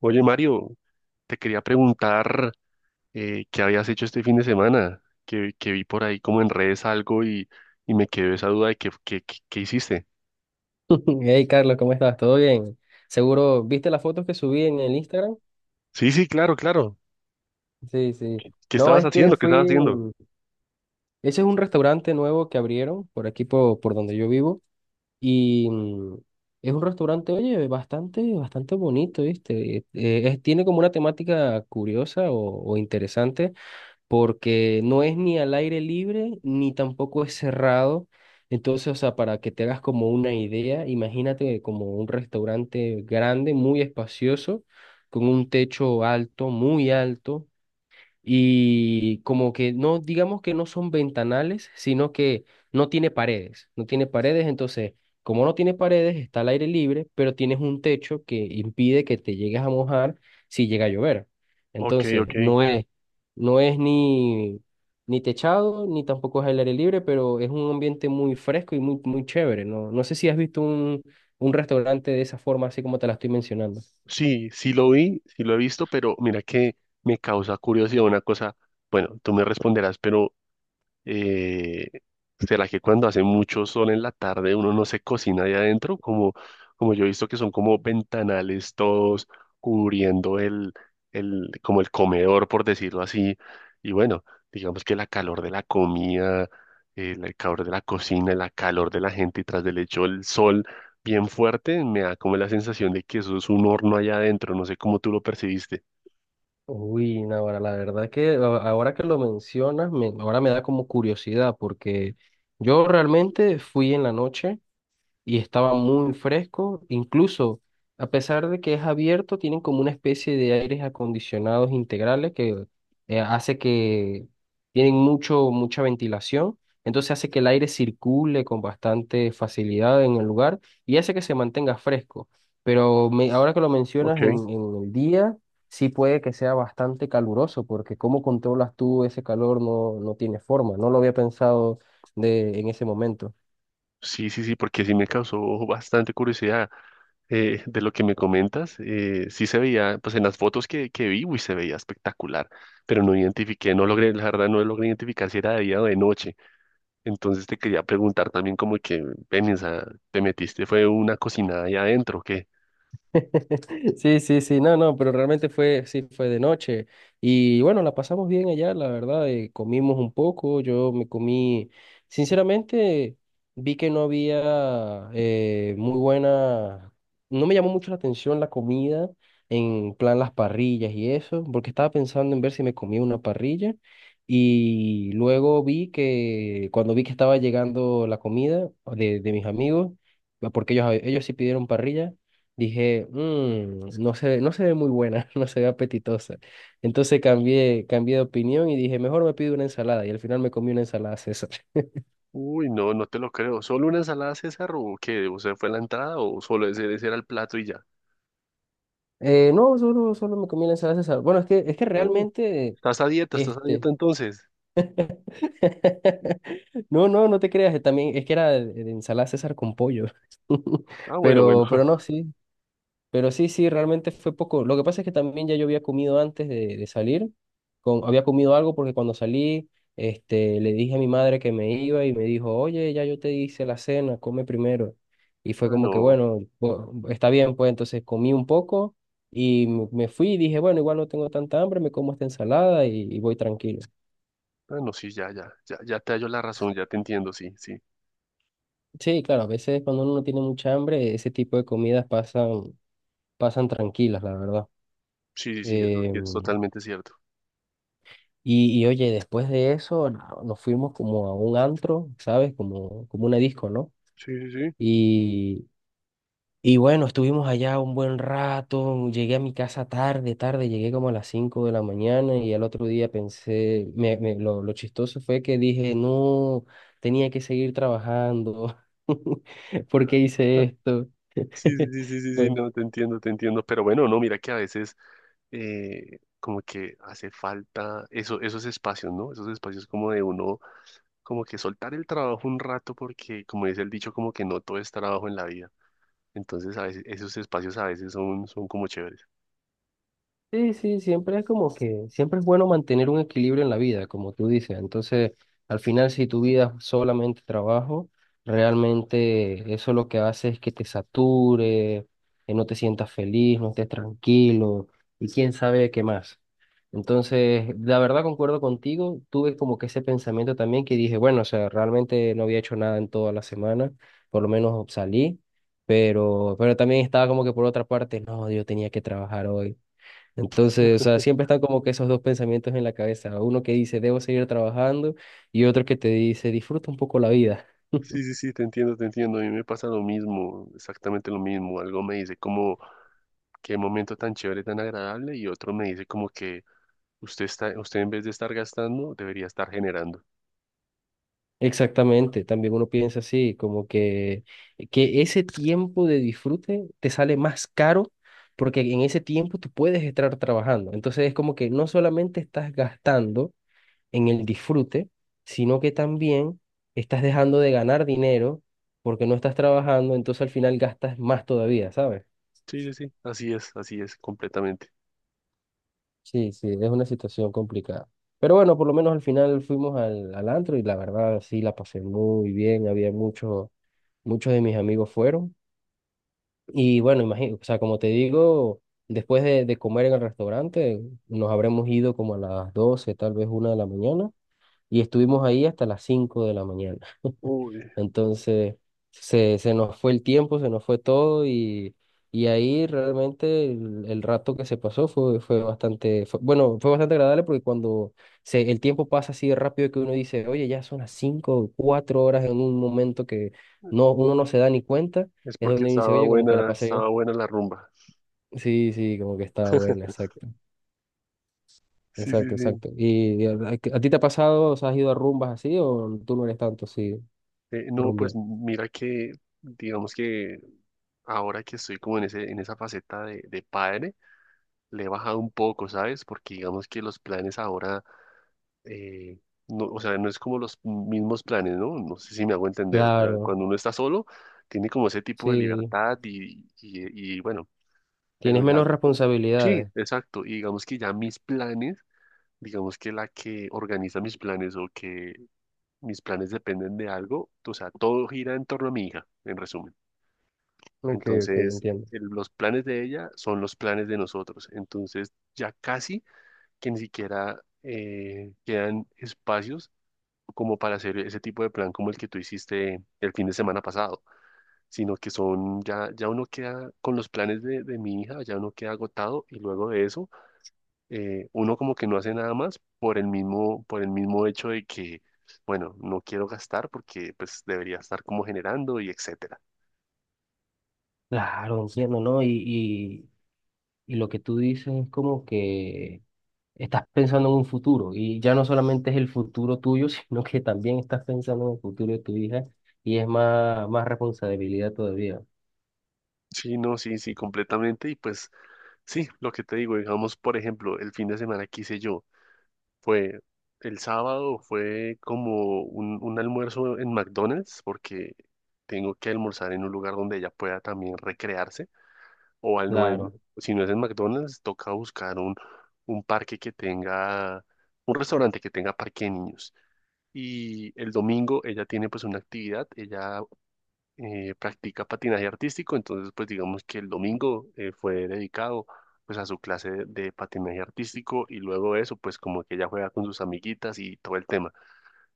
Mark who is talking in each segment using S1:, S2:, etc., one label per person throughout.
S1: Oye, Mario, te quería preguntar qué habías hecho este fin de semana, que vi por ahí como en redes algo y me quedó esa duda de qué hiciste.
S2: Hey, Carlos, ¿cómo estás? ¿Todo bien? Seguro, ¿viste las fotos que subí en el Instagram?
S1: Sí, sí, claro, claro.
S2: Sí, sí.
S1: ¿Qué
S2: No,
S1: estabas
S2: es que
S1: haciendo? ¿Qué
S2: fui.
S1: estabas haciendo?
S2: Ese es un restaurante nuevo que abrieron por aquí, por donde yo vivo. Y es un restaurante, oye, bastante, bastante bonito, ¿viste? Tiene como una temática curiosa o interesante, porque no es ni al aire libre ni tampoco es cerrado. Entonces, o sea, para que te hagas como una idea, imagínate como un restaurante grande, muy espacioso, con un techo alto, muy alto, y como que no, digamos que no son ventanales, sino que no tiene paredes, no tiene paredes. Entonces, como no tiene paredes, está al aire libre, pero tienes un techo que impide que te llegues a mojar si llega a llover.
S1: Ok,
S2: Entonces,
S1: ok.
S2: no es ni, techado, ni tampoco es al aire libre, pero es un ambiente muy fresco y muy, muy chévere, ¿no? No sé si has visto un restaurante de esa forma, así como te la estoy mencionando.
S1: Sí, sí lo vi, sí lo he visto, pero mira que me causa curiosidad una cosa. Bueno, tú me responderás, pero Eh, ¿será que cuando hace mucho sol en la tarde uno no se cocina ahí adentro? Como yo he visto que son como ventanales todos cubriendo el, como el comedor, por decirlo así. Y bueno, digamos que la calor de la comida, el calor de la cocina, la calor de la gente y tras del hecho el sol bien fuerte, me da como la sensación de que eso es un horno allá adentro. No sé cómo tú lo percibiste.
S2: Uy, Navarra, la verdad que ahora que lo mencionas, ahora me da como curiosidad, porque yo realmente fui en la noche y estaba muy fresco. Incluso, a pesar de que es abierto, tienen como una especie de aires acondicionados integrales que hace que tienen mucha ventilación. Entonces hace que el aire circule con bastante facilidad en el lugar y hace que se mantenga fresco. Pero ahora que lo mencionas
S1: Ok.
S2: en el día, sí puede que sea bastante caluroso, porque ¿cómo controlas tú ese calor? No, no tiene forma. No lo había pensado en ese momento.
S1: Sí, sí, sí, porque sí me causó bastante curiosidad de lo que me comentas. Sí se veía, pues en las fotos que vi, uy, se veía espectacular, pero no identifiqué, no logré, la verdad no logré identificar si era de día o de noche. Entonces te quería preguntar también como que, ven, esa, te metiste, fue una cocinada ahí adentro, ¿o qué?
S2: Sí, sí, sí, no, no, pero realmente fue, sí, fue de noche. Y bueno, la pasamos bien allá, la verdad. Comimos un poco, yo me comí, sinceramente, vi que no había, muy buena, no me llamó mucho la atención la comida, en plan las parrillas y eso, porque estaba pensando en ver si me comía una parrilla. Y luego vi que, cuando vi que estaba llegando la comida de mis amigos, porque ellos sí pidieron parrilla. Dije: "Mm, no se ve muy buena, no se ve apetitosa." Entonces cambié de opinión y dije, mejor me pido una ensalada. Y al final me comí una ensalada César.
S1: Uy, no, no te lo creo. ¿Solo una ensalada César o qué? ¿O sea, fue la entrada o solo ese, ese era el plato y ya?
S2: No, solo me comí la ensalada César. Bueno, es que
S1: Oh,
S2: realmente,
S1: ¿estás a dieta? ¿Estás a dieta
S2: este...
S1: entonces?
S2: No, no, no te creas, también es que era de ensalada César con pollo.
S1: Ah, bueno, bueno.
S2: Pero no, sí, pero sí, sí, realmente fue poco. Lo que pasa es que también ya yo había comido antes de salir. Había comido algo porque cuando salí, le dije a mi madre que me iba y me dijo: "Oye, ya yo te hice la cena, come primero." Y fue
S1: Ah,
S2: como que,
S1: no.
S2: bueno, está bien, pues entonces comí un poco y me fui y dije, bueno, igual no tengo tanta hambre, me como esta ensalada y, voy tranquilo.
S1: Ah, no, sí, ya, ya, ya, ya te hallo la razón, ya te entiendo, sí, sí,
S2: Sí, claro, a veces cuando uno no tiene mucha hambre, ese tipo de comidas pasan tranquilas, la verdad.
S1: sí, sí, sí, eso sí es
S2: Em,
S1: totalmente cierto.
S2: y oye, después de eso, nos fuimos como a un antro, ¿sabes? Como, como una disco, ¿no?
S1: Sí, sí, sí.
S2: Y, y bueno, estuvimos allá un buen rato, llegué a mi casa tarde, tarde, llegué como a las 5 de la mañana, y al otro día pensé, lo chistoso fue que dije: "No, tenía que seguir trabajando, ¿por
S1: Ah,
S2: qué hice esto?"
S1: sí, sí, sí, sí, sí, sí,
S2: Pues,
S1: no, te entiendo, pero bueno, no, mira que a veces como que hace falta eso, esos espacios, ¿no? Esos espacios como de uno, como que soltar el trabajo un rato porque, como dice el dicho, como que no todo es trabajo en la vida. Entonces, a veces, esos espacios a veces son, son como chéveres.
S2: sí, sí, siempre es como que, siempre es bueno mantener un equilibrio en la vida, como tú dices. Entonces, al final, si tu vida es solamente trabajo, realmente eso lo que hace es que te sature, que no te sientas feliz, no estés tranquilo, y quién sabe qué más. Entonces, la verdad, concuerdo contigo, tuve como que ese pensamiento también, que dije, bueno, o sea, realmente no había hecho nada en toda la semana, por lo menos salí, pero también estaba como que, por otra parte, no, yo tenía que trabajar hoy. Entonces, o sea, siempre están como que esos dos pensamientos en la cabeza. Uno que dice, debo seguir trabajando, y otro que te dice, disfruta un poco la vida.
S1: Sí, sí, sí, te entiendo, te entiendo. A mí me pasa lo mismo, exactamente lo mismo. Algo me dice como qué momento tan chévere, tan agradable, y otro me dice como que usted está, usted en vez de estar gastando, debería estar generando.
S2: Exactamente, también uno piensa así, como que ese tiempo de disfrute te sale más caro, porque en ese tiempo tú puedes estar trabajando. Entonces es como que no solamente estás gastando en el disfrute, sino que también estás dejando de ganar dinero porque no estás trabajando, entonces al final gastas más todavía, ¿sabes?
S1: Sí, sí, sí, así es, completamente.
S2: Sí, sí, es una situación complicada. Pero bueno, por lo menos al final fuimos al, antro y la verdad sí la pasé muy bien. Había muchos, muchos de mis amigos fueron. Y bueno, imagino, o sea, como te digo, después de comer en el restaurante, nos habremos ido como a las 12, tal vez 1 de la mañana, y estuvimos ahí hasta las 5 de la mañana.
S1: Uy,
S2: Entonces, se nos fue el tiempo, se nos fue todo, y ahí realmente el rato que se pasó fue bastante, bueno, fue bastante agradable, porque cuando el tiempo pasa así de rápido, que uno dice, oye, ya son las 5 o 4 horas en un momento, que no, uno no se da ni cuenta.
S1: es
S2: Es
S1: porque
S2: donde uno dice, oye, como que la pasé
S1: estaba
S2: bien.
S1: buena la rumba.
S2: Sí, sí, como que estaba buena, exacto.
S1: Sí, sí,
S2: Exacto,
S1: sí.
S2: exacto. ¿Y a ti te ha pasado, o sea, has ido a rumbas así o tú no eres tanto así,
S1: No, pues
S2: rumbiar?
S1: mira que, digamos que ahora que estoy como en ese, en esa faceta de padre, le he bajado un poco, ¿sabes? Porque digamos que los planes ahora eh, no, o sea, no es como los mismos planes, ¿no? No sé si me hago entender. O sea,
S2: Claro,
S1: cuando uno está solo, tiene como ese tipo de
S2: sí.
S1: libertad y bueno, pero
S2: Tienes
S1: ya,
S2: menos
S1: sí,
S2: responsabilidades.
S1: exacto. Y digamos que ya mis planes, digamos que la que organiza mis planes o que mis planes dependen de algo, o sea, todo gira en torno a mi hija, en resumen.
S2: Ok, ok,
S1: Entonces,
S2: entiendo.
S1: el- los planes de ella son los planes de nosotros. Entonces, ya casi que ni siquiera quedan espacios como para hacer ese tipo de plan como el que tú hiciste el fin de semana pasado, sino que son, ya, ya uno queda con los planes de mi hija, ya uno queda agotado y luego de eso, uno como que no hace nada más por el mismo hecho de que, bueno, no quiero gastar porque pues debería estar como generando y etcétera.
S2: Claro, entiendo, ¿no? Y, y lo que tú dices es como que estás pensando en un futuro y ya no solamente es el futuro tuyo, sino que también estás pensando en el futuro de tu hija, y es más, más responsabilidad todavía.
S1: Sí, no, sí, sí, completamente. Y pues sí, lo que te digo, digamos, por ejemplo, el fin de semana que hice yo. Fue el sábado, fue como un almuerzo en McDonald's, porque tengo que almorzar en un lugar donde ella pueda también recrearse, o al no en-
S2: Claro.
S1: si no es en McDonald's, toca buscar un parque que tenga, un restaurante que tenga parque de niños. Y el domingo ella tiene pues una actividad, ella practica patinaje artístico, entonces pues digamos que el domingo fue dedicado pues a su clase de patinaje artístico y luego de eso pues como que ella juega con sus amiguitas y todo el tema.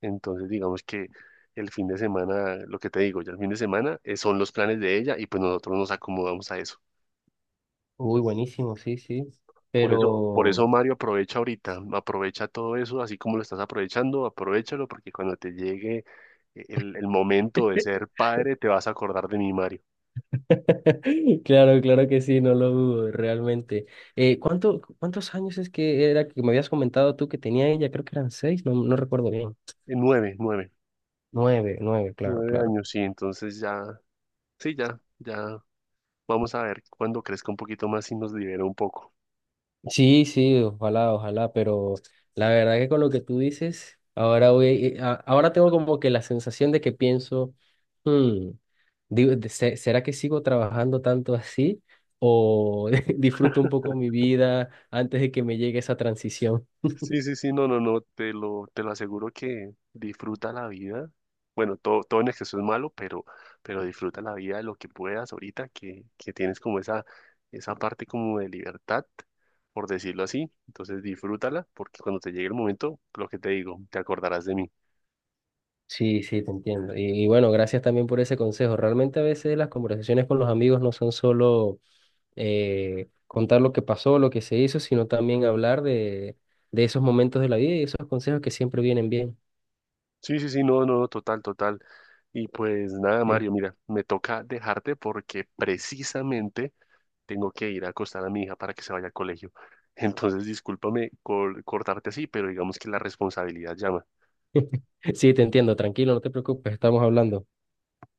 S1: Entonces digamos que el fin de semana, lo que te digo, ya el fin de semana son los planes de ella y pues nosotros nos acomodamos a eso.
S2: Uy, buenísimo, sí, sí.
S1: Por eso, por
S2: Pero...
S1: eso Mario aprovecha ahorita, aprovecha todo eso así como lo estás aprovechando, aprovechalo porque cuando te llegue el momento de ser padre te vas a acordar de mi Mario.
S2: Claro, claro que sí, no lo dudo, realmente. ¿ Cuántos años es que era que me habías comentado tú que tenía ella? Creo que eran 6, no, no recuerdo bien.
S1: 9, 9.
S2: Nueve, nueve, claro,
S1: Nueve
S2: claro.
S1: años, sí, entonces ya, sí, ya, ya, vamos a ver cuando crezca un poquito más y nos libera un poco.
S2: Sí, sí, ojalá, ojalá, pero la verdad que con lo que tú dices, ahora voy, ahora tengo como que la sensación de que pienso, hmm, digo, ¿será que sigo trabajando tanto así, o disfruto un poco mi vida antes de que me llegue esa transición?
S1: Sí, sí, sí, no, no, no, te lo aseguro que disfruta la vida. Bueno, todo, todo en exceso es malo, pero disfruta la vida de lo que puedas ahorita, que tienes como esa parte como de libertad, por decirlo así. Entonces disfrútala, porque cuando te llegue el momento, lo que te digo, te acordarás de mí.
S2: Sí, sí, te entiendo. Y bueno, gracias también por ese consejo. Realmente, a veces las conversaciones con los amigos no son solo contar lo que pasó, lo que se hizo, sino también hablar de esos momentos de la vida y esos consejos que siempre vienen bien.
S1: Sí, sí, sí, no, no, no total, total. Y pues nada,
S2: Sí.
S1: Mario, mira, me toca dejarte porque precisamente tengo que ir a acostar a mi hija para que se vaya al colegio. Entonces, discúlpame col- cortarte así, pero digamos que la responsabilidad llama.
S2: Sí, te entiendo, tranquilo, no te preocupes, estamos hablando.